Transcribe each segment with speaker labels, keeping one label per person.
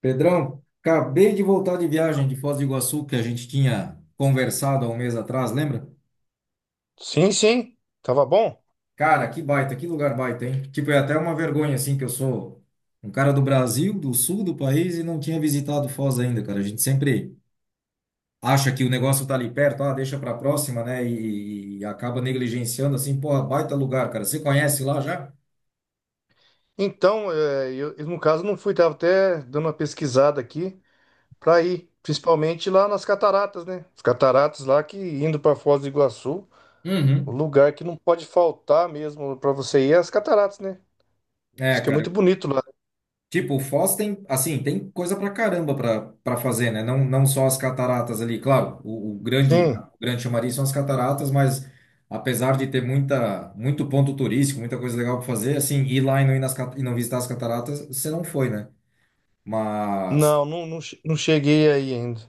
Speaker 1: Pedrão, acabei de voltar de viagem de Foz do Iguaçu que a gente tinha conversado há um mês atrás, lembra?
Speaker 2: Sim, sim, tava bom.
Speaker 1: Cara, que baita, que lugar baita, hein? Tipo, é até uma vergonha, assim, que eu sou um cara do Brasil, do sul do país e não tinha visitado Foz ainda, cara. A gente sempre acha que o negócio tá ali perto, ah, deixa pra próxima, né? E acaba negligenciando, assim, porra, baita lugar, cara. Você conhece lá já?
Speaker 2: Então, eu, no caso não fui, tava até dando uma pesquisada aqui para ir, principalmente lá nas cataratas, né? As cataratas lá que indo para Foz do Iguaçu, o
Speaker 1: Uhum.
Speaker 2: lugar que não pode faltar mesmo para você ir é as cataratas, né? Diz
Speaker 1: É,
Speaker 2: que é
Speaker 1: cara.
Speaker 2: muito bonito lá.
Speaker 1: Tipo, o Foz tem, assim, tem coisa pra caramba pra, fazer, né? Não só as cataratas ali, claro, o grande,
Speaker 2: Sim.
Speaker 1: grande chamariz são as cataratas, mas apesar de ter muita, muito ponto turístico, muita coisa legal pra fazer, assim, ir lá e não ir nas, e não visitar as cataratas, você não foi, né? Mas,
Speaker 2: Não, não, não, não cheguei aí ainda,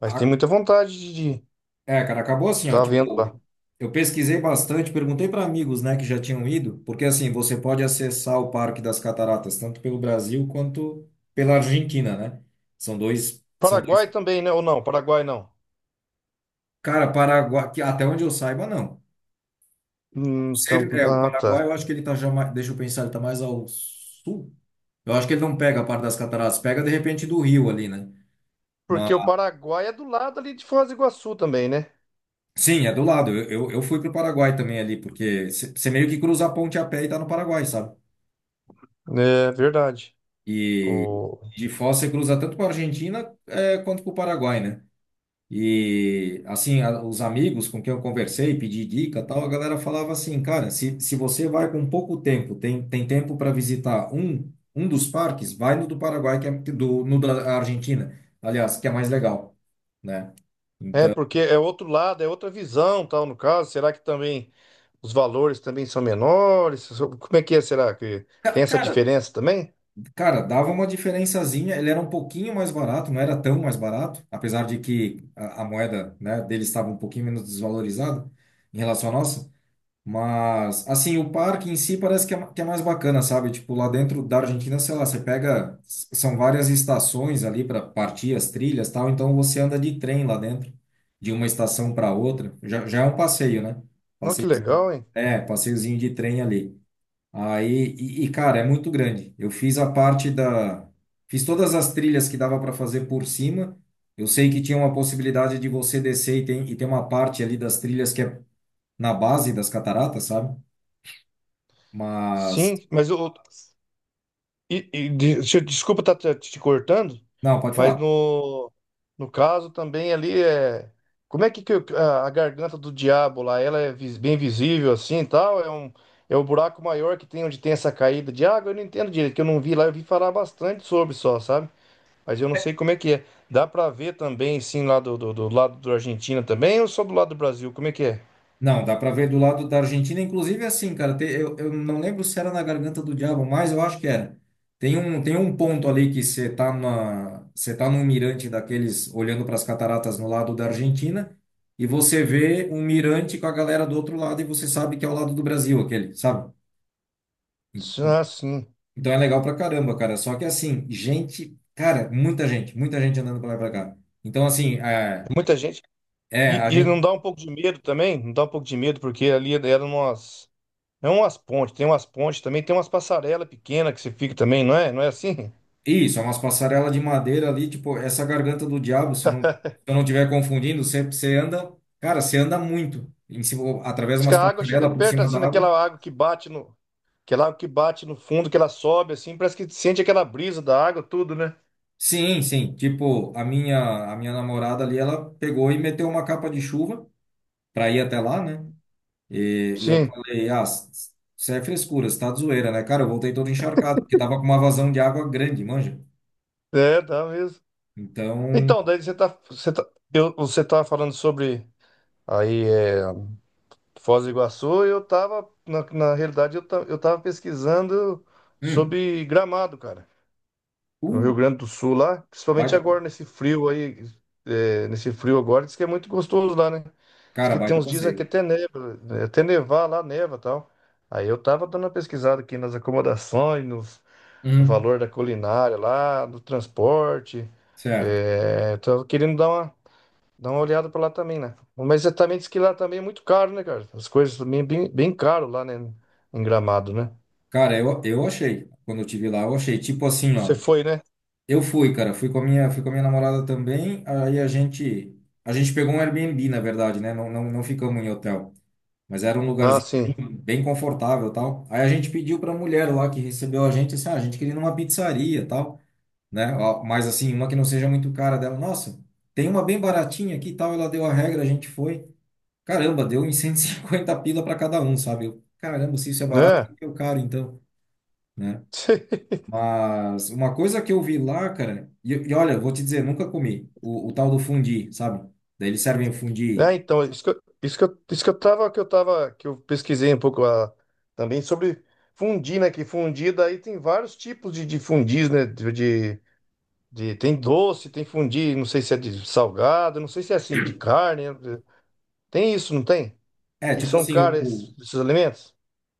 Speaker 2: mas tem
Speaker 1: a-
Speaker 2: muita vontade de
Speaker 1: é, cara, acabou assim, ó,
Speaker 2: estar vendo lá.
Speaker 1: tipo, eu pesquisei bastante, perguntei pra amigos, né, que já tinham ido, porque, assim, você pode acessar o Parque das Cataratas, tanto pelo Brasil quanto pela Argentina, né? São dois... São dois.
Speaker 2: Paraguai também, né? Ou não? Paraguai não.
Speaker 1: Cara, Paraguai, que até onde eu saiba, não.
Speaker 2: Hum. Então,
Speaker 1: Ser, é, o
Speaker 2: ah,
Speaker 1: Paraguai,
Speaker 2: tá.
Speaker 1: eu acho que ele tá já mais, deixa eu pensar, ele tá mais ao sul. Eu acho que ele não pega a parte das cataratas, pega de repente do rio ali, né? Mas,
Speaker 2: Porque o Paraguai é do lado ali de Foz do Iguaçu também, né?
Speaker 1: sim, é do lado. Eu fui pro Paraguai também ali, porque você meio que cruza a ponte a pé e tá no Paraguai, sabe?
Speaker 2: É verdade.
Speaker 1: E
Speaker 2: O...
Speaker 1: de Foz você cruza tanto para Argentina quanto para o Paraguai, né? E assim, os amigos com quem eu conversei, pedi dica, e tal, a galera falava assim, cara, se você vai com pouco tempo, tem tempo para visitar um, um dos parques, vai no do Paraguai, que é do, no da Argentina, aliás, que é mais legal, né?
Speaker 2: É
Speaker 1: Então,
Speaker 2: porque é outro lado, é outra visão, tal, no caso. Será que também os valores também são menores? Como é que é? Será que tem essa
Speaker 1: cara,
Speaker 2: diferença também?
Speaker 1: cara, dava uma diferençazinha, ele era um pouquinho mais barato, não era tão mais barato, apesar de que a moeda, né, dele estava um pouquinho menos desvalorizada em relação à nossa. Mas, assim, o parque em si parece que é mais bacana, sabe? Tipo, lá dentro da Argentina, sei lá, você pega. São várias estações ali para partir as trilhas e tal, então você anda de trem lá dentro, de uma estação para outra. Já é um passeio, né?
Speaker 2: Não, que
Speaker 1: Passeiozinho,
Speaker 2: legal, hein?
Speaker 1: é, passeiozinho de trem ali. Aí, cara, é muito grande. Eu fiz a parte da. Fiz todas as trilhas que dava para fazer por cima. Eu sei que tinha uma possibilidade de você descer e tem uma parte ali das trilhas que é na base das cataratas, sabe? Mas.
Speaker 2: Sim, mas o. E, desculpa estar te cortando,
Speaker 1: Não, pode
Speaker 2: mas
Speaker 1: falar.
Speaker 2: no caso também ali é. Como é que, a garganta do diabo lá, ela é bem visível assim e tal? É o buraco maior que tem onde tem essa caída de água? Eu não entendo direito, que eu não vi lá, eu vi falar bastante sobre só, sabe? Mas eu não sei como é que é. Dá pra ver também, sim, lá do lado da Argentina também, ou só do lado do Brasil? Como é que é?
Speaker 1: Não, dá pra ver do lado da Argentina, inclusive assim, cara. Eu não lembro se era na Garganta do Diabo, mas eu acho que era. Tem um ponto ali que você tá num mirante daqueles olhando para as cataratas no lado da Argentina e você vê um mirante com a galera do outro lado e você sabe que é o lado do Brasil aquele, sabe?
Speaker 2: Ah, sim.
Speaker 1: Então é legal pra caramba, cara. Só que assim, gente, cara, muita gente andando pra lá e pra cá. Então assim,
Speaker 2: É muita gente.
Speaker 1: a
Speaker 2: E não
Speaker 1: gente.
Speaker 2: dá um pouco de medo também? Não dá um pouco de medo, porque ali eram umas. É umas pontes, tem umas pontes também, tem umas passarelas pequenas que você fica também, não é? Não é assim?
Speaker 1: Isso, é umas passarelas de madeira ali, tipo, essa garganta do diabo, se eu não estiver confundindo, você anda, cara, você anda muito, em cima, através de
Speaker 2: Diz que
Speaker 1: umas
Speaker 2: a água chega
Speaker 1: passarelas por
Speaker 2: perto
Speaker 1: cima da
Speaker 2: assim daquela
Speaker 1: água.
Speaker 2: água que bate no, aquela água que bate no fundo, que ela sobe assim, parece que sente aquela brisa da água, tudo, né?
Speaker 1: Sim, sim, tipo, a minha namorada ali, ela pegou e meteu uma capa de chuva pra ir até lá, né? E eu
Speaker 2: Sim,
Speaker 1: falei, ah, isso é frescura, você tá de zoeira, né? Cara, eu voltei todo encharcado, porque tava com uma vazão de água grande, manja.
Speaker 2: é, dá mesmo.
Speaker 1: Então,
Speaker 2: Então, daí você tá falando sobre aí é, Foz do Iguaçu, e eu tava, na realidade, eu tava pesquisando
Speaker 1: hum,
Speaker 2: sobre Gramado, cara. No
Speaker 1: uh,
Speaker 2: Rio Grande do Sul lá, principalmente
Speaker 1: baita,
Speaker 2: agora nesse frio aí, nesse frio agora, diz que é muito gostoso lá, né? Diz
Speaker 1: cara,
Speaker 2: que tem
Speaker 1: baita
Speaker 2: uns dias aqui
Speaker 1: passeio.
Speaker 2: até neva, né? Até nevar lá, neva e tal. Aí eu tava dando uma pesquisada aqui nas acomodações, no
Speaker 1: Hum,
Speaker 2: valor da culinária lá, do transporte.
Speaker 1: certo.
Speaker 2: É, tava querendo dar dar uma olhada pra lá também, né? Mas é, também diz que lá também é muito caro, né, cara? As coisas também é bem, bem caro lá, né? Em Gramado, né?
Speaker 1: Cara, eu achei. Quando eu tive lá, eu achei. Tipo assim,
Speaker 2: Você
Speaker 1: ó.
Speaker 2: foi, né?
Speaker 1: Eu fui, cara. Fui com a minha namorada também. Aí a gente pegou um Airbnb, na verdade, né? Não não, ficamos em hotel. Mas era um
Speaker 2: Ah,
Speaker 1: lugarzinho
Speaker 2: sim.
Speaker 1: bem confortável, e tal. Aí a gente pediu pra mulher lá que recebeu a gente, assim, ah, a gente queria ir numa pizzaria, e tal, né? Ó, mas assim, uma que não seja muito cara dela. Nossa, tem uma bem baratinha aqui, e tal. Ela deu a regra, a gente foi. Caramba, deu em 150 pila pra cada um, sabe? Eu, caramba, se isso é barato, o
Speaker 2: É.
Speaker 1: que que é o caro, então? Né? Mas uma coisa que eu vi lá, cara, e olha, vou te dizer, nunca comi o tal do fundi, sabe? Daí eles servem o fundi.
Speaker 2: É, então, isso que eu tava, que eu pesquisei um pouco ah, também sobre fundir, né? Que fundir daí tem vários tipos de fundis, né? Tem doce, tem fundir, não sei se é de salgado, não sei se é assim, de carne. Né? Tem isso, não tem?
Speaker 1: É,
Speaker 2: E
Speaker 1: tipo
Speaker 2: são
Speaker 1: assim,
Speaker 2: caros esses, esses alimentos?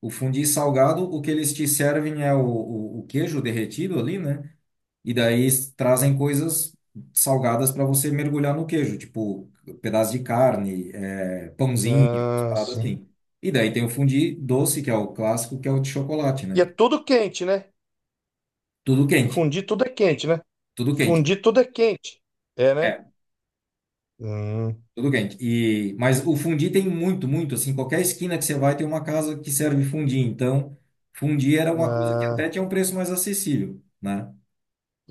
Speaker 1: o fundi salgado, o que eles te servem é o queijo derretido ali, né? E daí trazem coisas salgadas para você mergulhar no queijo, tipo pedaço de carne, é, pãozinho, umas
Speaker 2: Ah,
Speaker 1: paradas
Speaker 2: sim.
Speaker 1: assim. E daí tem o fundi doce, que é o clássico, que é o de chocolate,
Speaker 2: E é
Speaker 1: né?
Speaker 2: tudo quente, né?
Speaker 1: Tudo quente,
Speaker 2: Fundir tudo é quente, né?
Speaker 1: tudo quente.
Speaker 2: Fundir tudo é quente. É, né?
Speaker 1: É,
Speaker 2: Hum,
Speaker 1: tudo quente. E, mas o fundi tem muito, muito, assim, qualquer esquina que você vai tem uma casa que serve fundi. Então, fundi era uma coisa que até
Speaker 2: ah.
Speaker 1: tinha um preço mais acessível, né?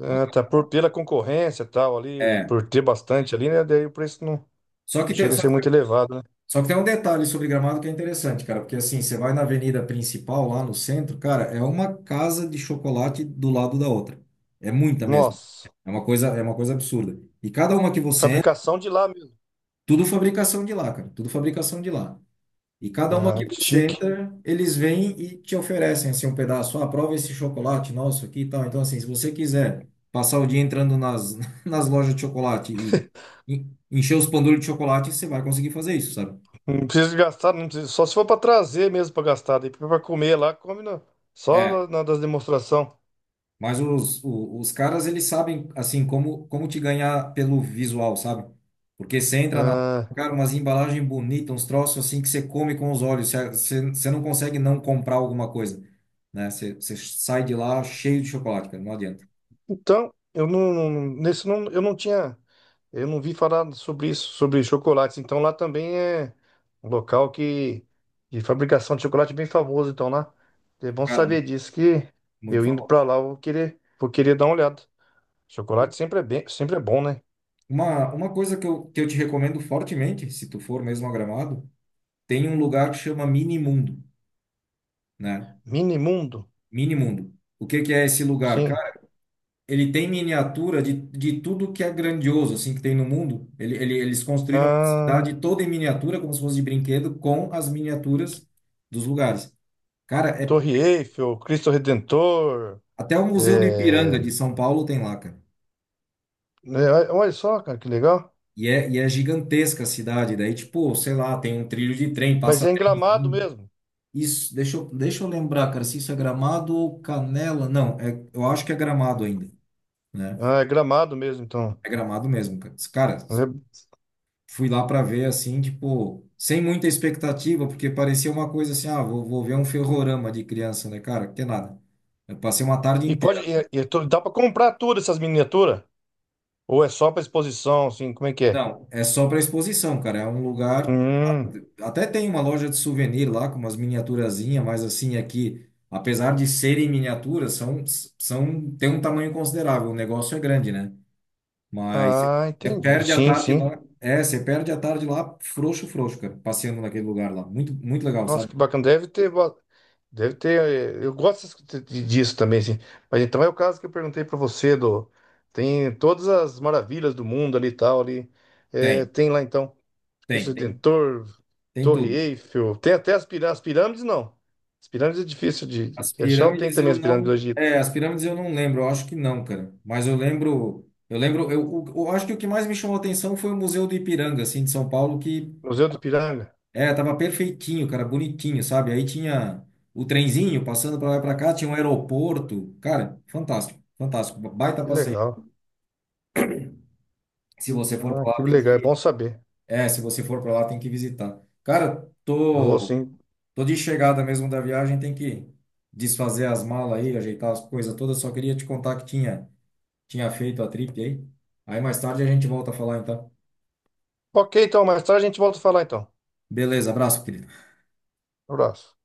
Speaker 2: Ah, tá, por pela concorrência e tal ali,
Speaker 1: É.
Speaker 2: por ter bastante ali, né? Daí o preço não
Speaker 1: Só que tem,
Speaker 2: chega a
Speaker 1: só
Speaker 2: ser muito
Speaker 1: que,
Speaker 2: elevado, né?
Speaker 1: só que tem um detalhe sobre Gramado que é interessante, cara, porque assim, você vai na avenida principal, lá no centro, cara, é uma casa de chocolate do lado da outra. É muita mesmo.
Speaker 2: Nossa,
Speaker 1: É uma coisa absurda. E cada uma que você entra,
Speaker 2: fabricação de lá mesmo.
Speaker 1: tudo fabricação de lá, cara, tudo fabricação de lá. E cada uma
Speaker 2: Ah,
Speaker 1: que
Speaker 2: que
Speaker 1: você
Speaker 2: chique.
Speaker 1: entra, eles vêm e te oferecem assim um pedaço. Ah, prova esse chocolate nosso aqui e tal. Então, assim, se você quiser passar o dia entrando nas, nas lojas de chocolate e encher os pandulhos de chocolate, você vai conseguir fazer isso, sabe?
Speaker 2: Não precisa gastar, não precisa, só se for para trazer mesmo para gastar, daí para comer lá, só na das demonstração.
Speaker 1: Mas os caras, eles sabem, assim, como, como te ganhar pelo visual, sabe? Porque você entra na.
Speaker 2: Ah,
Speaker 1: Cara, umas embalagens bonitas, uns troços assim que você come com os olhos. Você não consegue não comprar alguma coisa, né? Você sai de lá cheio de chocolate, cara. Não adianta.
Speaker 2: então, eu não, não- nesse não, eu não tinha, eu não vi falar sobre isso, sobre chocolates. Então lá também é um local que de fabricação de chocolate bem famoso. Então lá é bom saber
Speaker 1: Cara,
Speaker 2: disso que
Speaker 1: muito
Speaker 2: eu indo
Speaker 1: famoso.
Speaker 2: para lá eu vou vou querer dar uma olhada. Chocolate sempre é bem, sempre é bom, né?
Speaker 1: Uma coisa que eu te recomendo fortemente, se tu for mesmo a Gramado, tem um lugar que chama Mini Mundo, né?
Speaker 2: Mini Mundo,
Speaker 1: Mini Mundo. O que que é esse lugar?
Speaker 2: sim.
Speaker 1: Cara, ele tem miniatura de tudo que é grandioso, assim, que tem no mundo. Eles construíram uma
Speaker 2: Ah,
Speaker 1: cidade toda em miniatura, como se fosse de brinquedo, com as miniaturas dos lugares. Cara, é,
Speaker 2: Torre Eiffel, Cristo Redentor,
Speaker 1: até o Museu do Ipiranga
Speaker 2: é,
Speaker 1: de São Paulo tem lá, cara.
Speaker 2: né, olha só, cara, que legal.
Speaker 1: E é gigantesca a cidade. Daí, tipo, sei lá, tem um trilho de trem,
Speaker 2: Mas
Speaker 1: passa
Speaker 2: é em Gramado
Speaker 1: trenzinho.
Speaker 2: mesmo.
Speaker 1: Isso, deixa eu lembrar, cara, se isso é Gramado ou Canela. Não, é, eu acho que é Gramado ainda, né?
Speaker 2: Ah, é Gramado mesmo, então.
Speaker 1: É Gramado mesmo, cara. Cara,
Speaker 2: É.
Speaker 1: fui lá para ver assim, tipo, sem muita expectativa, porque parecia uma coisa assim, ah, vou ver um ferrorama de criança, né, cara? Que nada. Eu passei uma tarde
Speaker 2: E
Speaker 1: inteira.
Speaker 2: pode, dá pra comprar tudo essas miniaturas? Ou é só pra exposição, assim, como é que é?
Speaker 1: Não, é só para exposição, cara. É um lugar.
Speaker 2: Hum,
Speaker 1: Até tem uma loja de souvenir lá com umas miniaturazinhas, mas assim, aqui, apesar de serem miniaturas, tem um tamanho considerável. O negócio é grande, né? Mas
Speaker 2: ah,
Speaker 1: você
Speaker 2: entendi.
Speaker 1: perde a
Speaker 2: Sim,
Speaker 1: tarde
Speaker 2: sim.
Speaker 1: lá. É, você perde a tarde lá, frouxo, frouxo, cara, passeando naquele lugar lá. Muito, muito legal,
Speaker 2: Nossa,
Speaker 1: sabe?
Speaker 2: que bacana. Deve ter, deve ter. Eh, eu gosto disso também, assim. Mas então é o caso que eu perguntei pra você do, tem todas as maravilhas do mundo ali e tal ali. É,
Speaker 1: Tem,
Speaker 2: tem lá então Cristo
Speaker 1: tem. Tem.
Speaker 2: Redentor,
Speaker 1: Tem
Speaker 2: Torre
Speaker 1: tudo.
Speaker 2: Eiffel. Tem até as, as pirâmides, não. As pirâmides é difícil de
Speaker 1: As
Speaker 2: de achar. Ou tem
Speaker 1: pirâmides
Speaker 2: também
Speaker 1: eu
Speaker 2: as pirâmides do
Speaker 1: não,
Speaker 2: Egito?
Speaker 1: é, as pirâmides eu não lembro, eu acho que não, cara. Mas eu acho que o que mais me chamou a atenção foi o Museu do Ipiranga, assim, de São Paulo, que
Speaker 2: Museu do Piranga.
Speaker 1: é, tava perfeitinho, cara, bonitinho, sabe? Aí tinha o trenzinho passando para lá e para cá, tinha um aeroporto. Cara, fantástico, fantástico, baita
Speaker 2: Que
Speaker 1: passeio.
Speaker 2: legal.
Speaker 1: Se você for
Speaker 2: Ah,
Speaker 1: para
Speaker 2: que
Speaker 1: lá, tem
Speaker 2: legal, é
Speaker 1: que,
Speaker 2: bom saber.
Speaker 1: é, se você for para lá, tem que visitar. Cara,
Speaker 2: Vou sim.
Speaker 1: tô de chegada mesmo da viagem, tem que desfazer as malas aí, ajeitar as coisas todas. Só queria te contar que tinha feito a trip aí. Aí mais tarde a gente volta a falar, então.
Speaker 2: Ok, então, mais tarde a gente volta a falar então.
Speaker 1: Beleza, abraço, querido.
Speaker 2: Um abraço.